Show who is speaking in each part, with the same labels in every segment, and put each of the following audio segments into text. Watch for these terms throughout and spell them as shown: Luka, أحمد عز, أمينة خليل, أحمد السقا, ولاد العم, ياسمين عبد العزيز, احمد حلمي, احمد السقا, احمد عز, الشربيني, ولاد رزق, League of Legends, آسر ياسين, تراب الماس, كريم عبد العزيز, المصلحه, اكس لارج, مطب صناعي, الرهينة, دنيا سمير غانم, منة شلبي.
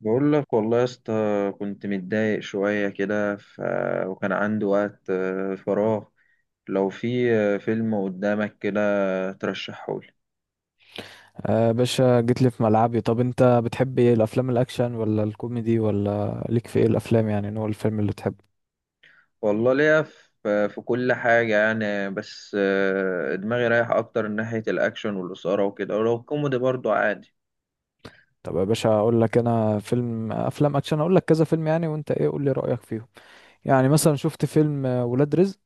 Speaker 1: بقول لك والله يا اسطى. كنت متضايق شوية كده وكان عندي وقت فراغ. لو في فيلم قدامك كده ترشحهولي.
Speaker 2: آه باشا جيت لي في ملعبي. طب انت بتحب ايه الافلام، الاكشن ولا الكوميدي ولا ليك في ايه الافلام؟ يعني نوع الفيلم اللي بتحبه.
Speaker 1: والله ليا في كل حاجة يعني، بس دماغي رايح أكتر ناحية الأكشن والإثارة وكده، ولو كوميدي برضو عادي.
Speaker 2: طب يا باشا اقول لك انا فيلم، افلام اكشن اقول لك كذا فيلم يعني، وانت ايه؟ قول لي رايك فيهم. يعني مثلا شفت فيلم ولاد رزق؟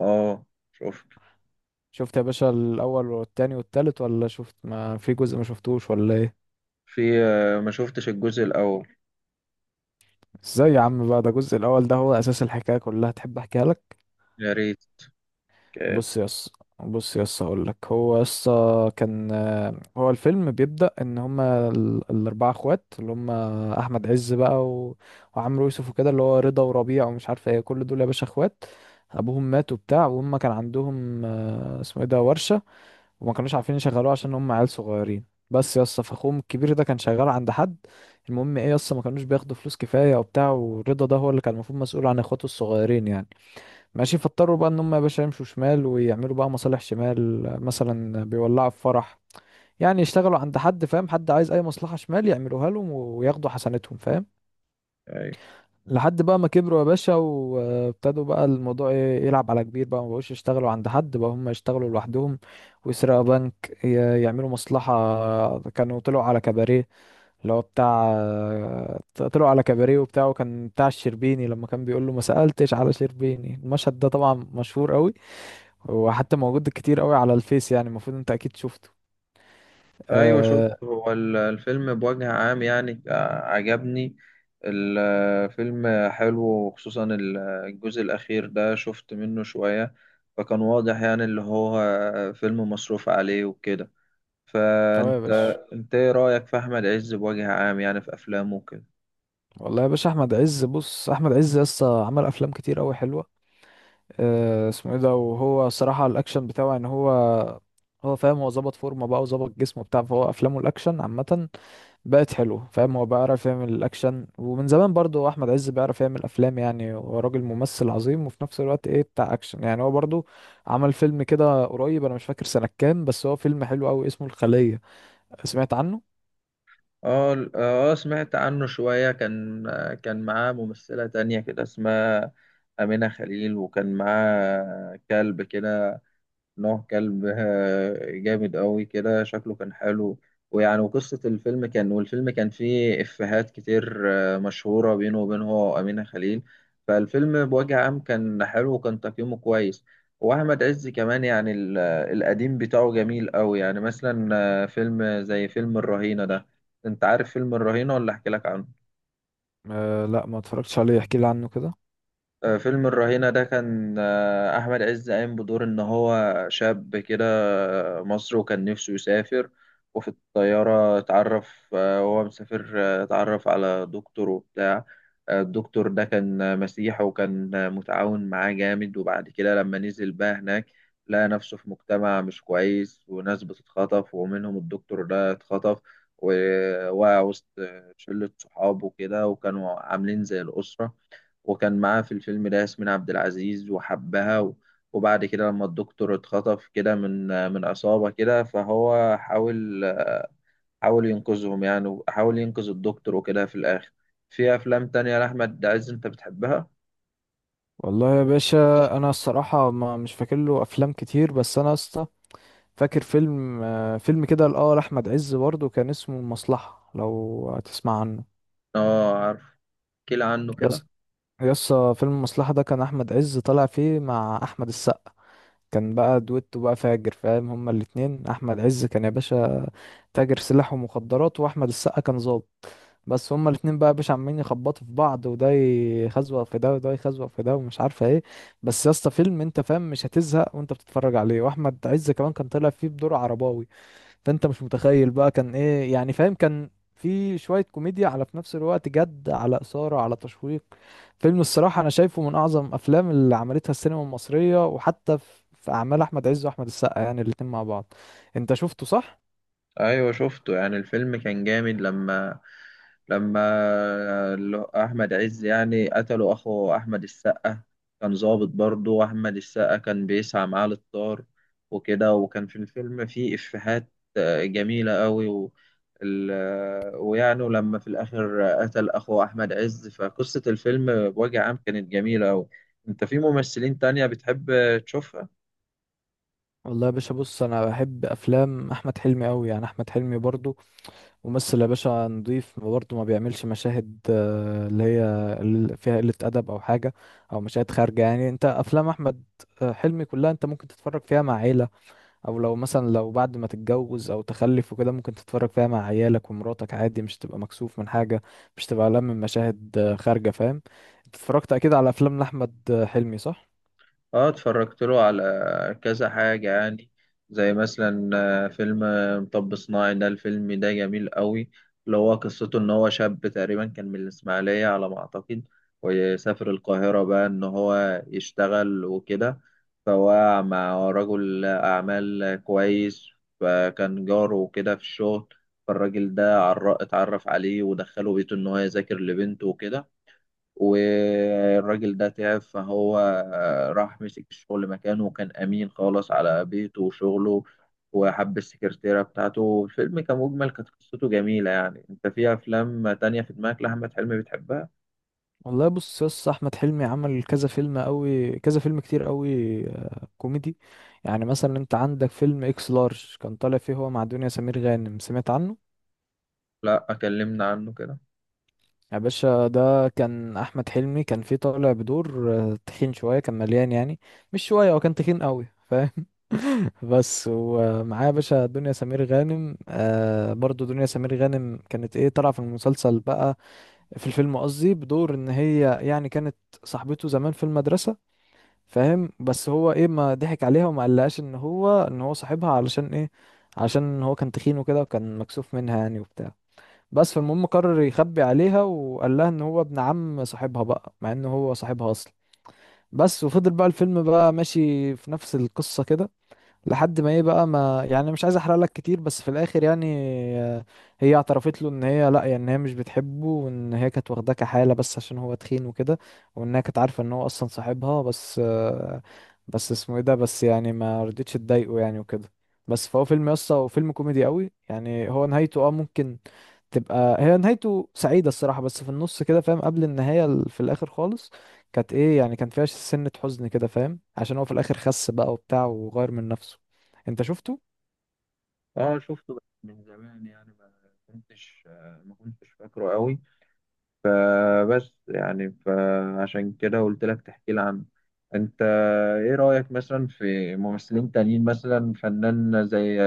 Speaker 1: اه، شفت.
Speaker 2: شفت يا باشا الاول والتاني والتالت، ولا شفت ما في جزء ما شفتوش، ولا ايه؟
Speaker 1: في ما شفتش الجزء الأول.
Speaker 2: ازاي يا عم بقى؟ ده الجزء الاول ده هو اساس الحكايه كلها. تحب احكيها لك؟
Speaker 1: يا ريت.
Speaker 2: بص يس بص يس هقول لك. هو يس كان، هو الفيلم بيبدأ ان هما الاربعه اخوات اللي هما احمد عز بقى وعمرو يوسف وكده، اللي هو رضا وربيع ومش عارف ايه، كل دول يا باشا اخوات. ابوهم مات وبتاع، وهم كان عندهم اسمه ايه ده، ورشة. وما كانوش عارفين يشغلوه عشان هم عيال صغيرين. بس يس، فاخوهم الكبير ده كان شغال عند حد. المهم ايه يس، ما كانوش بياخدوا فلوس كفاية وبتاع، ورضا ده هو اللي كان المفروض مسؤول عن اخواته الصغيرين يعني. ماشي، فاضطروا بقى ان هم يا باشا يمشوا شمال ويعملوا بقى مصالح شمال، مثلا بيولعوا في فرح، يعني يشتغلوا عند حد. فاهم؟ حد عايز اي مصلحة شمال يعملوها لهم وياخدوا حسنتهم، فاهم؟ لحد بقى ما كبروا يا باشا وابتدوا بقى الموضوع يلعب على كبير بقى، ما بقوش يشتغلوا عند حد، بقى هم يشتغلوا لوحدهم ويسرقوا بنك. يعملوا مصلحة. كانوا طلعوا على كباريه، اللي هو بتاع، طلعوا على كباريه وبتاعه كان بتاع الشربيني لما كان بيقول له ما سألتش على شربيني. المشهد ده طبعا مشهور قوي، هو حتى موجود كتير قوي على الفيس، يعني المفروض انت اكيد شفته.
Speaker 1: ايوه، شوف،
Speaker 2: اه
Speaker 1: هو الفيلم بوجه عام يعني عجبني. الفيلم حلو، وخصوصا الجزء الاخير ده شفت منه شوية. فكان واضح يعني اللي هو فيلم مصروف عليه وكده.
Speaker 2: اه يا
Speaker 1: فانت
Speaker 2: باشا.
Speaker 1: انت ايه رايك في احمد عز بوجه عام يعني في افلامه وكده؟
Speaker 2: والله يا باشا احمد عز، بص، احمد عز لسه عمل افلام كتير قوي حلوه. اسمه ايه ده، وهو صراحه الاكشن بتاعه ان هو، هو فاهم، هو ظبط فورمه بقى وظبط جسمه بتاع، فهو افلامه الاكشن عامه بقت حلوه. فاهم؟ هو بيعرف يعمل الاكشن. ومن زمان برضو احمد عز بيعرف يعمل افلام، يعني هو راجل ممثل عظيم وفي نفس الوقت ايه، بتاع اكشن. يعني هو برضو عمل فيلم كده قريب، انا مش فاكر سنه كام، بس هو فيلم حلو قوي اسمه الخليه. سمعت عنه؟
Speaker 1: اه، سمعت عنه شوية. كان معاه ممثلة تانية كده اسمها أمينة خليل، وكان معاه كلب كده. نوع كلب جامد قوي كده، شكله كان حلو. ويعني، وقصة الفيلم كان، والفيلم كان فيه إفيهات كتير مشهورة بينه وبين هو وأمينة خليل. فالفيلم بوجه عام كان حلو، وكان تقييمه كويس. وأحمد عز كمان يعني القديم بتاعه جميل قوي. يعني مثلا فيلم زي فيلم الرهينة ده. أنت عارف فيلم الرهينة ولا أحكي لك عنه؟
Speaker 2: أه لا، ما اتفرجتش عليه، احكي لي عنه كده.
Speaker 1: فيلم الرهينة ده كان أحمد عز قايم بدور إن هو شاب كده. مصري، وكان نفسه يسافر. وفي الطيارة اتعرف وهو مسافر اتعرف على دكتور وبتاع. الدكتور ده كان مسيحي، وكان متعاون معاه جامد. وبعد كده لما نزل بقى هناك لقى نفسه في مجتمع مش كويس، وناس بتتخطف، ومنهم الدكتور ده اتخطف. ووقع وسط شلة صحابه كده، وكانوا عاملين زي الأسرة. وكان معاه في الفيلم ده ياسمين عبد العزيز وحبها، وبعد كده لما الدكتور اتخطف كده من عصابة كده، فهو حاول ينقذهم يعني، وحاول ينقذ الدكتور وكده في الآخر. في أفلام تانية لأحمد عز أنت بتحبها؟
Speaker 2: والله يا باشا انا الصراحه ما مش فاكر له افلام كتير، بس انا يا اسطى فاكر فيلم، فيلم كده لاه، لاحمد عز برضه كان اسمه المصلحه. لو هتسمع عنه.
Speaker 1: آه، عارف. احكي لي عنه كده.
Speaker 2: يس، يس فيلم المصلحه ده كان احمد عز طالع فيه مع احمد السقا، كان بقى دويتو بقى فاجر. فاهم؟ هما الاتنين، احمد عز كان يا باشا تاجر سلاح ومخدرات، واحمد السقا كان ظابط. بس هما الاتنين بقى يا باشا عمالين يخبطوا في بعض، وده يخزوق في ده وده يخزوق في ده ومش عارفه ايه. بس يا اسطى فيلم، انت فاهم مش هتزهق وانت بتتفرج عليه. واحمد عز كمان كان طالع فيه بدور عرباوي، فانت مش متخيل بقى كان ايه. يعني فاهم، كان في شويه كوميديا على في نفس الوقت جد، على اثاره، على تشويق. فيلم الصراحه انا شايفه من اعظم افلام اللي عملتها السينما المصريه، وحتى في اعمال احمد عز واحمد السقا يعني الاتنين مع بعض. انت شفته صح؟
Speaker 1: ايوه، شفته يعني. الفيلم كان جامد لما احمد عز يعني قتلوا اخو احمد السقا. كان ظابط برضه، واحمد السقا كان بيسعى معاه للطار وكده. وكان في الفيلم فيه افيهات جميله قوي. و ال- آه، ويعني لما في الاخر قتل اخو احمد عز، فقصه الفيلم بوجه عام كانت جميله قوي. انت في ممثلين تانية بتحب تشوفها؟
Speaker 2: والله يا باشا، بص، انا بحب افلام احمد حلمي قوي. يعني احمد حلمي برضو ممثل يا باشا نضيف، برضو ما بيعملش مشاهد اللي هي فيها قلة ادب او حاجة، او مشاهد خارجة. يعني انت افلام احمد حلمي كلها انت ممكن تتفرج فيها مع عيلة، او لو مثلا لو بعد ما تتجوز او تخلف وكده ممكن تتفرج فيها مع عيالك ومراتك عادي، مش تبقى مكسوف من حاجة، مش تبقى قلقان من مشاهد خارجة. فاهم؟ انت اتفرجت اكيد على افلام لاحمد حلمي، صح؟
Speaker 1: اه، اتفرجت له على كذا حاجة يعني. زي مثلا فيلم مطب صناعي ده، الفيلم ده جميل قوي. اللي هو قصته ان هو شاب تقريبا كان من الاسماعيلية على ما اعتقد، ويسافر القاهرة بقى ان هو يشتغل وكده. فهو مع رجل اعمال كويس، فكان جاره وكده في الشغل. فالراجل ده اتعرف عليه ودخله بيته ان هو يذاكر لبنته وكده. والراجل ده تعب، فهو راح مسك الشغل مكانه، وكان أمين خالص على بيته وشغله، وحب السكرتيرة بتاعته. الفيلم كمجمل كانت قصته جميلة يعني. أنت في أفلام تانية في دماغك لأحمد حلمي بتحبها؟
Speaker 2: والله بص يا اسطى، احمد حلمي عمل كذا فيلم قوي، كذا فيلم كتير قوي، كوميدي. يعني مثلا انت عندك فيلم اكس لارج، كان طالع فيه هو مع دنيا سمير غانم. سمعت عنه؟
Speaker 1: لا، أكلمنا عنه كده.
Speaker 2: يا باشا ده كان احمد حلمي كان فيه طالع بدور تخين شويه، كان مليان يعني. مش شويه، هو كان تخين قوي. فاهم؟ بس ومعاه يا باشا دنيا سمير غانم. آه برضو دنيا سمير غانم كانت ايه، طالعه في المسلسل بقى، في الفيلم قصدي، بدور ان هي يعني كانت صاحبته زمان في المدرسه. فاهم؟ بس هو ايه ما ضحك عليها وما قالهاش ان هو صاحبها. علشان ايه؟ علشان هو كان تخين وكده وكان مكسوف منها يعني وبتاع. بس، فالمهم قرر يخبي عليها وقال لها ان هو ابن عم صاحبها بقى، مع ان هو صاحبها اصلا. بس، وفضل بقى الفيلم بقى ماشي في نفس القصة كده، لحد ما ايه بقى، ما يعني مش عايز احرق لك كتير، بس في الاخر يعني، آه، هي اعترفت له ان هي لا، يعني ان هي مش بتحبه، وان هي كانت واخداه كحالة بس عشان هو تخين وكده، وانها كانت عارفة ان هو اصلا صاحبها. بس بس اسمه ايه ده، بس يعني ما رضيتش تضايقه يعني وكده. بس، فهو فيلم يسطا، وفيلم كوميدي قوي يعني. هو نهايته اه، ممكن تبقى هي نهايته سعيدة الصراحة، بس في النص كده فاهم قبل النهاية، في الآخر خالص كانت إيه يعني، كان فيها سنة حزن كده. فاهم؟ عشان هو في الآخر خس بقى وبتاع وغير من نفسه. أنت شفته؟
Speaker 1: اه، شفته بس من زمان يعني، كنتش ما كنتش فاكره قوي. فبس يعني فعشان كده قلت لك تحكي لي عنه. انت ايه رأيك مثلا في ممثلين تانيين، مثلا فنان زي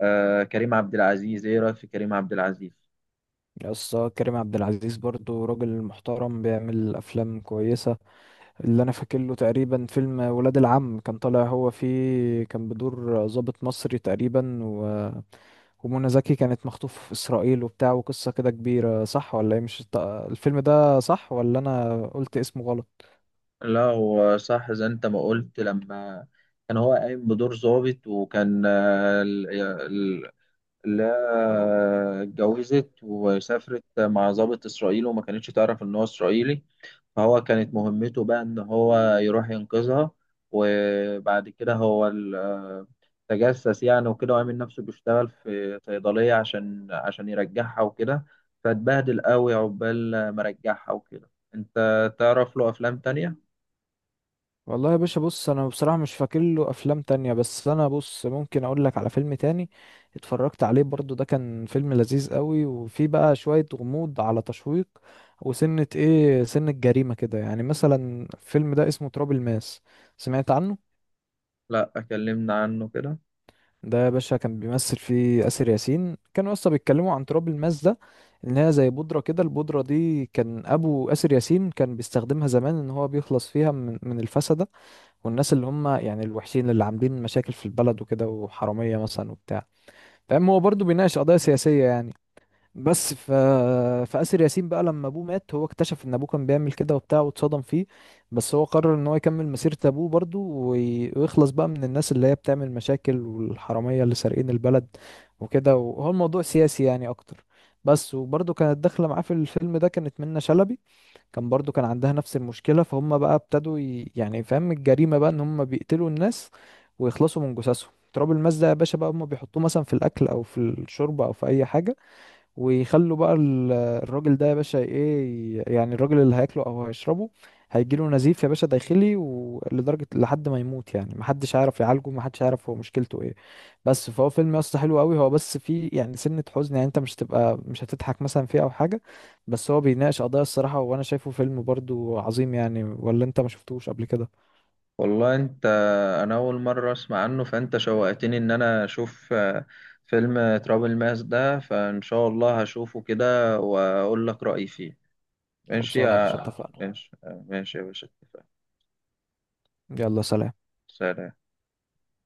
Speaker 1: آه كريم عبد العزيز؟ ايه رايك في كريم عبد العزيز؟
Speaker 2: يس، كريم عبد العزيز برضو راجل محترم بيعمل أفلام كويسة. اللي أنا فاكر له تقريبا فيلم ولاد العم، كان طالع هو فيه كان بدور ضابط مصري تقريبا ومنى زكي كانت مخطوفة في إسرائيل وبتاع، وقصة كده كبيرة. صح ولا إيه؟ مش الفيلم ده صح، ولا أنا قلت اسمه غلط؟
Speaker 1: لا، هو صح زي انت ما قلت. لما كان هو قايم بدور ضابط، وكان لا، اتجوزت وسافرت مع ضابط إسرائيلي، وما كانتش تعرف إن هو إسرائيلي. فهو كانت مهمته بقى إن هو يروح ينقذها. وبعد كده هو تجسس يعني وكده، وعامل نفسه بيشتغل في صيدلية عشان يرجعها وكده. فاتبهدل قوي عقبال ما رجعها وكده. أنت تعرف له أفلام تانية؟
Speaker 2: والله يا باشا، بص، انا بصراحة مش فاكر له افلام تانية، بس انا بص ممكن اقول لك على فيلم تاني اتفرجت عليه برضو. ده كان فيلم لذيذ قوي وفيه بقى شوية غموض على تشويق، وسنة ايه، سنة جريمة كده يعني مثلا. الفيلم ده اسمه تراب الماس. سمعت عنه؟
Speaker 1: لأ، كلمنا عنه كده.
Speaker 2: ده يا باشا كان بيمثل فيه آسر ياسين. كانوا اصلا بيتكلموا عن تراب الماس ده ان هي زي بودرة كده، البودرة دي كان ابو آسر ياسين كان بيستخدمها زمان، ان هو بيخلص فيها من الفسد، والناس اللي هم يعني الوحشين اللي عاملين مشاكل في البلد وكده، وحرامية مثلا وبتاع. فاهم؟ هو برضه بيناقش قضايا سياسية يعني. بس فآسر ياسين بقى لما أبوه مات هو اكتشف إن أبوه كان بيعمل كده وبتاع واتصدم فيه. بس هو قرر إن هو يكمل مسيرة أبوه برضه، ويخلص بقى من الناس اللي هي بتعمل مشاكل والحرامية اللي سارقين البلد وكده. وهو الموضوع سياسي يعني أكتر. بس وبرضه كانت داخلة معاه في الفيلم ده كانت منة شلبي، كان برضو كان عندها نفس المشكلة. فهم بقى ابتدوا يعني، فاهم الجريمة بقى ان هم بيقتلوا الناس ويخلصوا من جثثهم. تراب الماس ده يا باشا بقى هم بيحطوه مثلا في الاكل او في الشوربة او في اي حاجة، ويخلوا بقى الراجل ده يا باشا ايه يعني الراجل اللي هياكله او هيشربه هيجيله نزيف يا باشا داخلي، ولدرجة لحد ما يموت يعني. محدش هيعرف يعالجه، محدش هيعرف هو مشكلته ايه. بس فهو فيلم يا اسطى حلو قوي، هو بس فيه يعني سنة حزن يعني، انت مش تبقى، مش هتضحك مثلا فيه او حاجة. بس هو بيناقش قضايا الصراحة، وانا شايفه فيلم برضو عظيم يعني. ولا انت ما شفتوش قبل كده؟
Speaker 1: والله انت، انا اول مره اسمع عنه. فانت شوقتني ان انا اشوف فيلم تراب الماس ده، فان شاء الله هشوفه كده واقول لك رايي فيه. ماشي
Speaker 2: خلصانه يا باشا،
Speaker 1: يا
Speaker 2: اتفقنا.
Speaker 1: ماشي ماشي يا باشا، اتفقنا.
Speaker 2: يلا سلام.
Speaker 1: سلام.